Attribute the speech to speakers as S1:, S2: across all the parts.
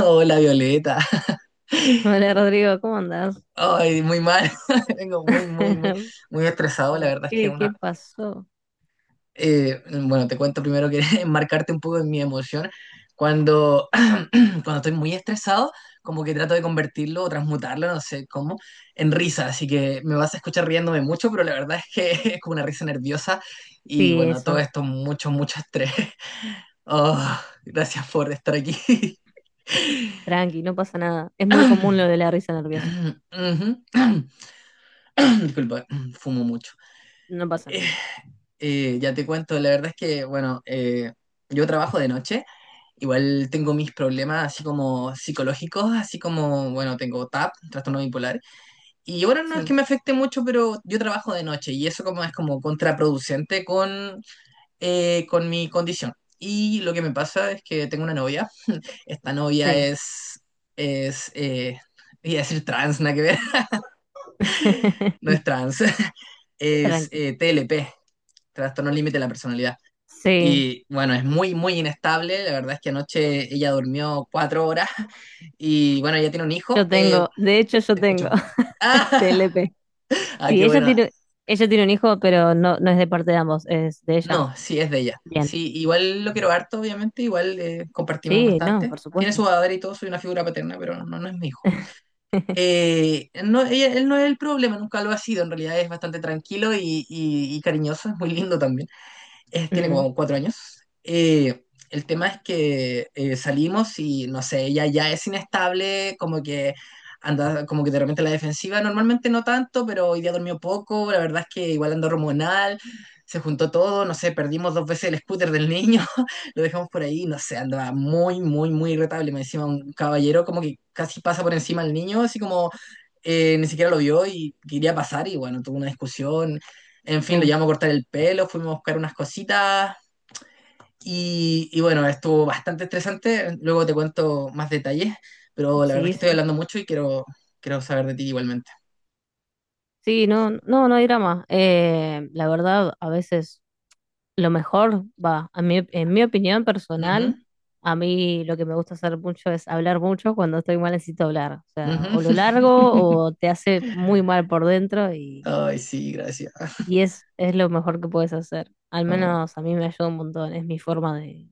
S1: Hola Violeta.
S2: Hola Rodrigo, ¿cómo andás?
S1: Ay, muy mal. Vengo muy, muy, muy, muy estresado. La
S2: ¿Por
S1: verdad es que
S2: qué?
S1: una.
S2: ¿Qué pasó?
S1: Bueno, te cuento primero que enmarcarte un poco en mi emoción. Cuando, cuando estoy muy estresado, como que trato de convertirlo o transmutarlo, no sé cómo, en risa. Así que me vas a escuchar riéndome mucho, pero la verdad es que es como una risa nerviosa. Y
S2: Sí,
S1: bueno, todo
S2: eso.
S1: esto, mucho, mucho estrés. Oh, gracias por estar aquí.
S2: Tranqui, no pasa nada. Es muy común lo de la risa nerviosa.
S1: Ujú. Disculpa, fumo mucho.
S2: No pasa
S1: Eh,
S2: nada.
S1: ya te cuento, la verdad es que, bueno, yo trabajo de noche, igual tengo mis problemas así como psicológicos, así como, bueno, tengo TAP, trastorno bipolar, y bueno, no es que
S2: Sí,
S1: me afecte mucho, pero yo trabajo de noche y eso como es como contraproducente con mi condición. Y lo que me pasa es que tengo una novia, esta novia
S2: sí.
S1: es, es, eh, iba a decir trans, nada que ver, no es trans, es
S2: Tranqui.
S1: TLP. Trastorno límite de la personalidad.
S2: Sí,
S1: Y bueno, es muy, muy inestable. La verdad es que anoche ella durmió 4 horas. Y bueno, ella tiene un hijo.
S2: yo tengo, de hecho yo
S1: Te
S2: tengo
S1: escucho. Ah,
S2: TLP.
S1: ah,
S2: Sí,
S1: qué
S2: ella
S1: bueno.
S2: tiene, ella tiene un hijo, pero no, no es de parte de ambos, es de ella.
S1: No, sí, es de ella.
S2: Bien.
S1: Sí, igual lo quiero harto, obviamente, igual compartimos
S2: Sí, no,
S1: bastante.
S2: por
S1: Tiene su
S2: supuesto.
S1: padre y todo, soy una figura paterna, pero no, no es mi hijo. No, él no es el problema, nunca lo ha sido, en realidad es bastante tranquilo y, y cariñoso, es muy lindo también. Tiene
S2: Mm,
S1: como 4 años. Eh, el tema es que salimos y no sé, ella ya es inestable, como que anda, como que de repente la defensiva, normalmente no tanto, pero hoy día dormió poco, la verdad es que igual anda hormonal, se juntó todo, no sé, perdimos dos veces el scooter del niño, lo dejamos por ahí, no sé, andaba muy, muy, muy irritable, me encima un caballero como que casi pasa por encima al niño, así como ni siquiera lo vio y quería pasar y bueno, tuvo una discusión, en fin, lo
S2: oh,
S1: llevamos a cortar el pelo, fuimos a buscar unas cositas y bueno, estuvo bastante estresante. Luego te cuento más detalles, pero la verdad es
S2: sí,
S1: que estoy
S2: sí.
S1: hablando mucho y quiero, saber de ti igualmente.
S2: Sí, no, no, no hay drama. La verdad, a veces lo mejor, va, a mí, en mi opinión personal,
S1: Ujú,
S2: a mí lo que me gusta hacer mucho es hablar mucho. Cuando estoy mal necesito hablar. O sea,
S1: ujú.
S2: o lo largo o te hace muy mal por dentro
S1: Ay, sí, gracias.
S2: y es lo mejor que puedes hacer. Al
S1: No,
S2: menos a mí me ayuda un montón. Es mi forma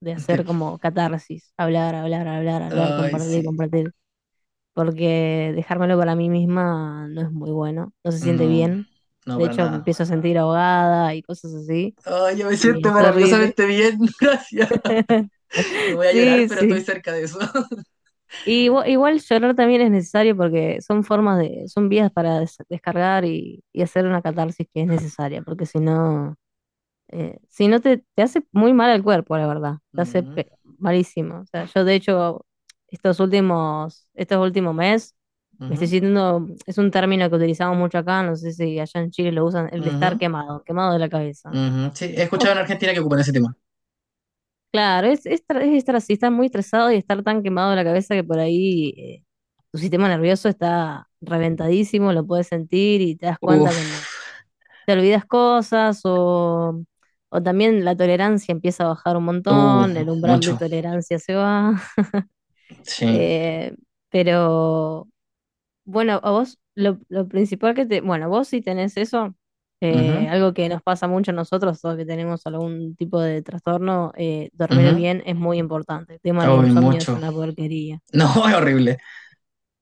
S2: de
S1: te-
S2: hacer como catarsis. Hablar, hablar, hablar, hablar,
S1: Ay,
S2: compartir,
S1: sí.
S2: compartir. Porque dejármelo para mí misma no es muy bueno. No se siente
S1: No,
S2: bien.
S1: no,
S2: De
S1: para
S2: hecho, me
S1: nada.
S2: empiezo a sentir ahogada y cosas así.
S1: Ay, yo me
S2: Y
S1: siento
S2: es horrible.
S1: maravillosamente bien, gracias. No voy a llorar,
S2: Sí,
S1: pero estoy
S2: sí.
S1: cerca de eso.
S2: Y igual, llorar también es necesario porque son formas de, son vías para descargar y hacer una catarsis que es necesaria, porque si no, si no te, te hace muy mal al cuerpo, la verdad, te hace
S1: Ujú,
S2: malísimo. O sea, yo de hecho, estos últimos meses, me estoy
S1: ujú,
S2: sintiendo, es un término que utilizamos mucho acá, no sé si allá en Chile lo usan, el de estar
S1: ujú,
S2: quemado, quemado de la cabeza.
S1: ujú. Sí, he escuchado en Argentina que ocupan ese tema.
S2: Claro, es estar así, estar muy estresado y estar tan quemado de la cabeza que por ahí tu sistema nervioso está reventadísimo, lo puedes sentir y te das cuenta
S1: Uf.
S2: cuando te olvidas cosas o también la tolerancia empieza a bajar un
S1: Uh,
S2: montón, el umbral de
S1: Mucho,
S2: tolerancia se va.
S1: sí.
S2: eh, pero bueno, a vos, lo principal que te, bueno, vos sí tenés eso,
S1: Ujú,
S2: algo que nos pasa mucho a nosotros, todos que tenemos algún tipo de trastorno, dormir
S1: ujú.
S2: bien es muy importante. El tema del
S1: Ay,
S2: insomnio es
S1: mucho.
S2: una porquería.
S1: No, es horrible.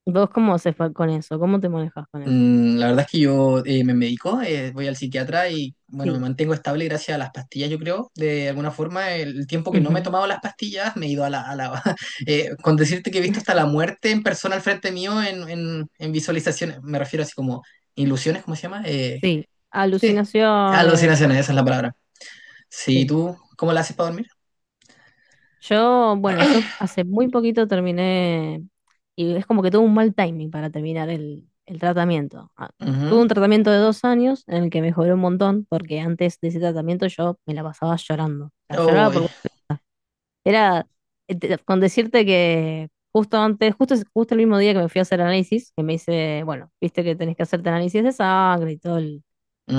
S2: ¿Vos cómo haces fue con eso? ¿Cómo te manejas con eso?
S1: Mm, la verdad es que yo me medico, voy al psiquiatra y bueno, me
S2: Sí.
S1: mantengo estable gracias a las pastillas, yo creo. De alguna forma, el tiempo que no me he
S2: Ujú.
S1: tomado las pastillas, me he ido a la... con decirte que he visto hasta la muerte en persona al frente mío en, en visualizaciones, me refiero así como ilusiones, ¿cómo se llama?
S2: Sí.
S1: Sí,
S2: Alucinaciones,
S1: alucinaciones, esa es la
S2: sí,
S1: palabra. Sí,
S2: sí.
S1: ¿tú cómo la haces para dormir?
S2: Yo, bueno, yo hace muy poquito terminé y es como que tuve un mal timing para terminar el tratamiento. Ah, tuve
S1: Ujú.
S2: un tratamiento de 2 años en el que mejoré un montón porque antes de ese tratamiento yo me la pasaba llorando. O sea, lloraba
S1: Ay,
S2: por... Era con decirte que justo antes, justo el mismo día que me fui a hacer análisis, que me hice, bueno, viste que tenés que hacerte análisis de sangre y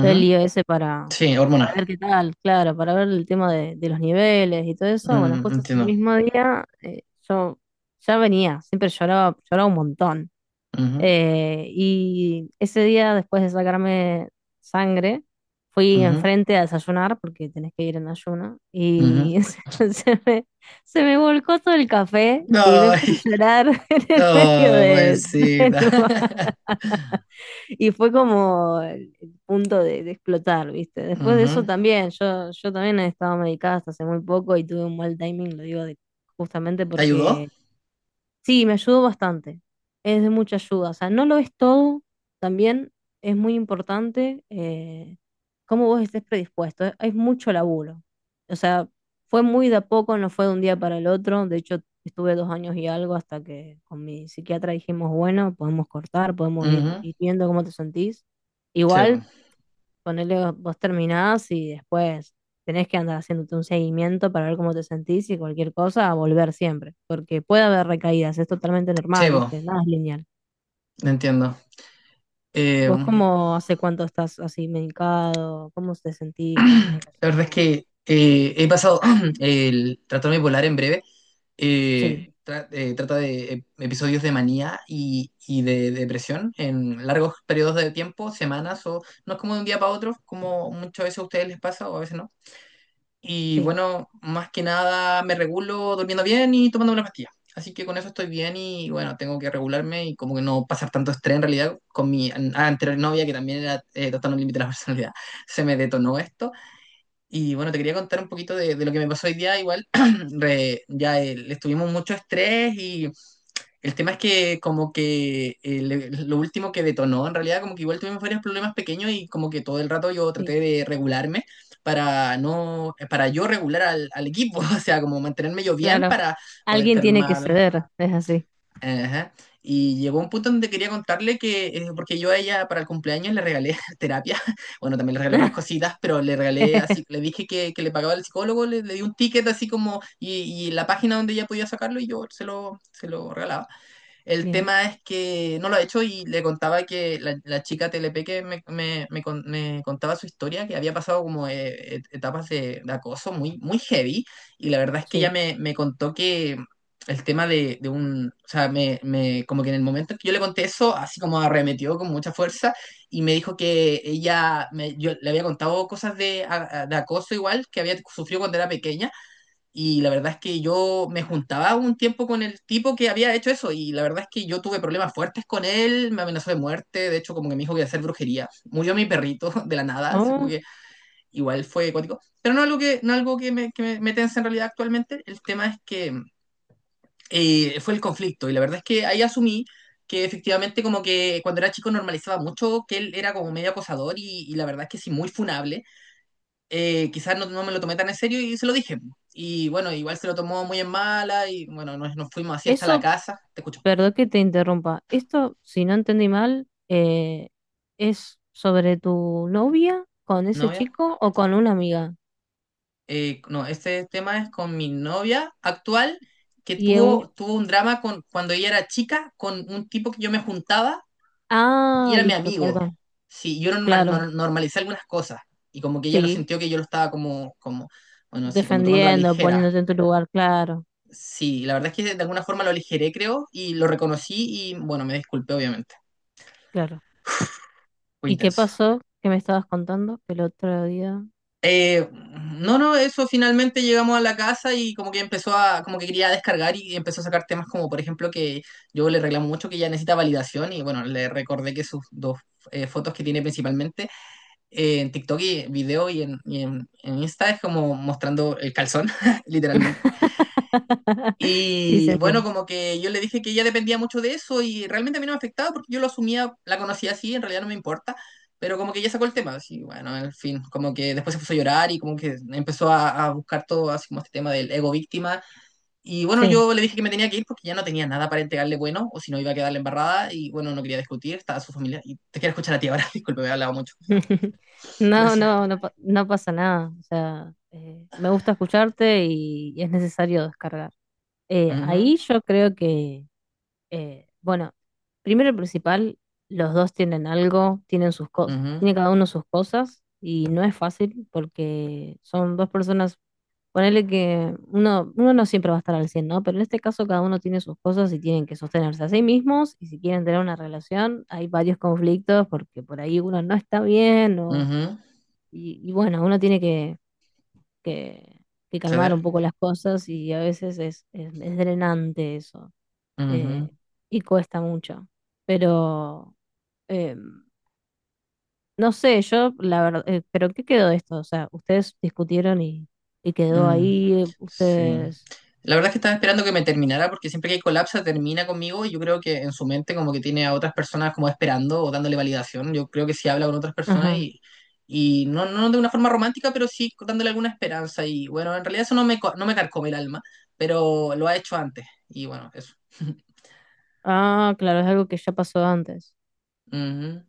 S2: todo el lío ese
S1: Sí,
S2: para
S1: hormonas.
S2: ver qué tal, claro, para ver el tema de los niveles y todo eso. Bueno,
S1: Mm,
S2: justo ese
S1: entiendo.
S2: mismo día, yo ya venía, siempre lloraba, lloraba un montón.
S1: Ujú,
S2: Y ese día, después de sacarme sangre, fui
S1: ujú,
S2: enfrente a desayunar, porque tenés que ir en ayuno,
S1: ujú.
S2: y se, se me, se me volcó todo el café y me puse
S1: Ay,
S2: a llorar en el medio
S1: no,
S2: de, del
S1: pobrecita.
S2: bar y fue como el punto de explotar, ¿viste? Después de eso
S1: Ujú.
S2: también, yo también he estado medicada hasta hace muy poco y tuve un mal timing, lo digo justamente
S1: ¿Te ayudó?
S2: porque sí, me ayudó bastante. Es de mucha ayuda. O sea, no lo es todo. También es muy importante cómo vos estés predispuesto. Es mucho laburo. O sea, fue muy de a poco, no fue de un día para el otro. De hecho, estuve 2 años y algo hasta que con mi psiquiatra dijimos, bueno, podemos cortar, podemos ir,
S1: Ujú.
S2: ir viendo cómo te sentís.
S1: Sí, po.
S2: Igual, ponele, vos terminás y después tenés que andar haciéndote un seguimiento para ver cómo te sentís y cualquier cosa, a volver siempre, porque puede haber recaídas, es totalmente
S1: Sí,
S2: normal,
S1: po,
S2: ¿viste? Nada es lineal.
S1: entiendo. Eh,
S2: ¿Vos cómo hace cuánto estás así medicado? ¿Cómo te sentís con la
S1: la verdad es
S2: medicación?
S1: que he pasado el trastorno bipolar en breve.
S2: Sí,
S1: Trata de episodios de manía y de depresión en largos periodos de tiempo, semanas, o no es como de un día para otro, como muchas veces a ustedes les pasa o a veces no. Y
S2: sí,
S1: bueno, más que nada me regulo durmiendo bien y tomando una pastilla. Así que con eso estoy bien y bueno, tengo que regularme y como que no pasar tanto estrés en realidad con mi anterior novia que también era tratando el límite de la personalidad. Se me detonó esto. Y bueno, te quería contar un poquito de lo que me pasó hoy día. Igual, ya estuvimos mucho estrés y el tema es que como que lo último que detonó en realidad como que igual tuvimos varios problemas pequeños y como que todo el rato yo traté
S2: sí.
S1: de regularme para no para yo regular al equipo, o sea, como mantenerme yo bien
S2: Claro,
S1: para poder
S2: alguien tiene que
S1: calmar.
S2: ceder, es así.
S1: Ajá. Y llegó un punto donde quería contarle que porque yo a ella para el cumpleaños le regalé terapia, bueno, también le regalé otras cositas, pero le regalé así, le dije que le pagaba el psicólogo, le di un ticket así como y la página donde ella podía sacarlo y yo se lo regalaba. El
S2: Bien,
S1: tema es que no lo ha hecho y le contaba que la chica TLP que me contaba su historia, que había pasado como etapas de acoso muy, muy heavy y la verdad es que ella
S2: sí.
S1: me contó que el tema de un, o sea, como que en el momento en que yo le conté eso, así como arremetió con mucha fuerza y me dijo que ella, yo le había contado cosas de acoso igual que había sufrido cuando era pequeña y la verdad es que yo me juntaba un tiempo con el tipo que había hecho eso y la verdad es que yo tuve problemas fuertes con él, me amenazó de muerte, de hecho como que me dijo que iba a hacer brujería. Murió mi perrito de la nada, así como
S2: Ah,
S1: que igual fue cuático. Pero no algo que, no algo que me tensa en realidad actualmente, el tema es que fue el conflicto y la verdad es que ahí asumí que efectivamente como que cuando era chico normalizaba mucho que él era como medio acosador y la verdad es que sí, muy funable quizás no, no me lo tomé tan en serio y se lo dije. Y bueno, igual se lo tomó muy en mala y bueno, nos fuimos así hasta la
S2: eso,
S1: casa. Te escucho,
S2: perdón que te interrumpa. Esto, si no entendí mal, es sobre tu novia con ese
S1: novia.
S2: chico o con una amiga.
S1: No, este tema es con mi novia actual que
S2: Y es un...
S1: tuvo un drama con, cuando ella era chica con un tipo que yo me juntaba y
S2: Ah,
S1: era mi
S2: listo,
S1: amigo.
S2: perdón.
S1: Sí, yo
S2: Claro,
S1: normalicé algunas cosas y como que ella lo
S2: sí.
S1: sintió que yo lo estaba como, bueno, así como tomando la
S2: Defendiendo,
S1: ligera.
S2: poniéndote en tu lugar, claro,
S1: Sí, la verdad es que de alguna forma lo aligeré, creo, y lo reconocí y bueno, me disculpé, obviamente.
S2: claro.
S1: Fue
S2: ¿Y qué
S1: intenso.
S2: pasó? ¿Qué me estabas contando? Que el otro día...
S1: Eh, no, no, eso finalmente llegamos a la casa y como que empezó como que quería descargar y empezó a sacar temas como, por ejemplo, que yo le reclamo mucho que ella necesita validación y bueno, le recordé que sus dos fotos que tiene principalmente en TikTok y video y en Insta es como mostrando el calzón, literalmente.
S2: Sí, se
S1: Y bueno,
S2: entiende.
S1: como que yo le dije que ella dependía mucho de eso y realmente a mí no me afectaba porque yo lo asumía, la conocía así, en realidad no me importa, pero como que ella sacó el tema, así, bueno, en fin, como que después se puso a llorar y como que empezó a buscar todo, así como este tema del ego víctima. Y bueno,
S2: Sí.
S1: yo le dije que me tenía que ir porque ya no tenía nada para entregarle bueno o si no iba a quedarle embarrada y bueno, no quería discutir, estaba su familia. Y te quiero escuchar a ti ahora, disculpe, he hablado mucho.
S2: No,
S1: Gracias.
S2: no, no, pa- no pasa nada. O sea, me gusta escucharte y es necesario descargar. Ahí
S1: Mhm.
S2: yo creo que, bueno, primero y principal, los dos tienen algo, tienen sus cosas,
S1: Mhm.
S2: tiene cada uno sus cosas y no es fácil porque son dos personas, ponele que uno no siempre va a estar al 100, ¿no? Pero en este caso cada uno tiene sus cosas y tienen que sostenerse a sí mismos y si quieren tener una relación hay varios conflictos porque por ahí uno no está bien o,
S1: Mhm.
S2: y bueno, uno tiene que, que calmar un
S1: Ceder.
S2: poco las cosas y a veces es es drenante eso,
S1: Ujú.
S2: eh, y cuesta mucho. Pero eh, no sé, yo la verdad, pero ¿qué quedó de esto? O sea, ustedes discutieron y quedó
S1: Mm,
S2: ahí,
S1: sí.
S2: ustedes...
S1: La verdad es que estaba esperando que me terminara porque siempre que hay colapsa termina conmigo y yo creo que en su mente como que tiene a otras personas como esperando o dándole validación. Yo creo que sí habla con otras personas
S2: Ajá.
S1: y no, no de una forma romántica, pero sí dándole alguna esperanza. Y bueno, en realidad eso no me carcome el alma, pero lo ha hecho antes. Y bueno, eso.
S2: Ah, claro, es algo que ya pasó antes.
S1: Ujú.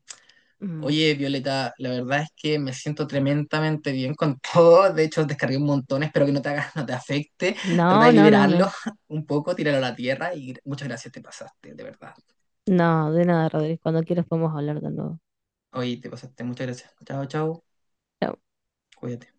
S2: Mm.
S1: Oye, Violeta, la verdad es que me siento tremendamente bien con todo. De hecho, descargué un montón, espero que no te hagas, no te afecte. Trata de
S2: No, no, no,
S1: liberarlo
S2: no.
S1: un poco, tíralo a la tierra y muchas gracias, te pasaste, de verdad.
S2: No, de nada, Rodríguez. Cuando quieras podemos hablar de nuevo.
S1: Oye, te pasaste, muchas gracias. Chao, chao, cuídate.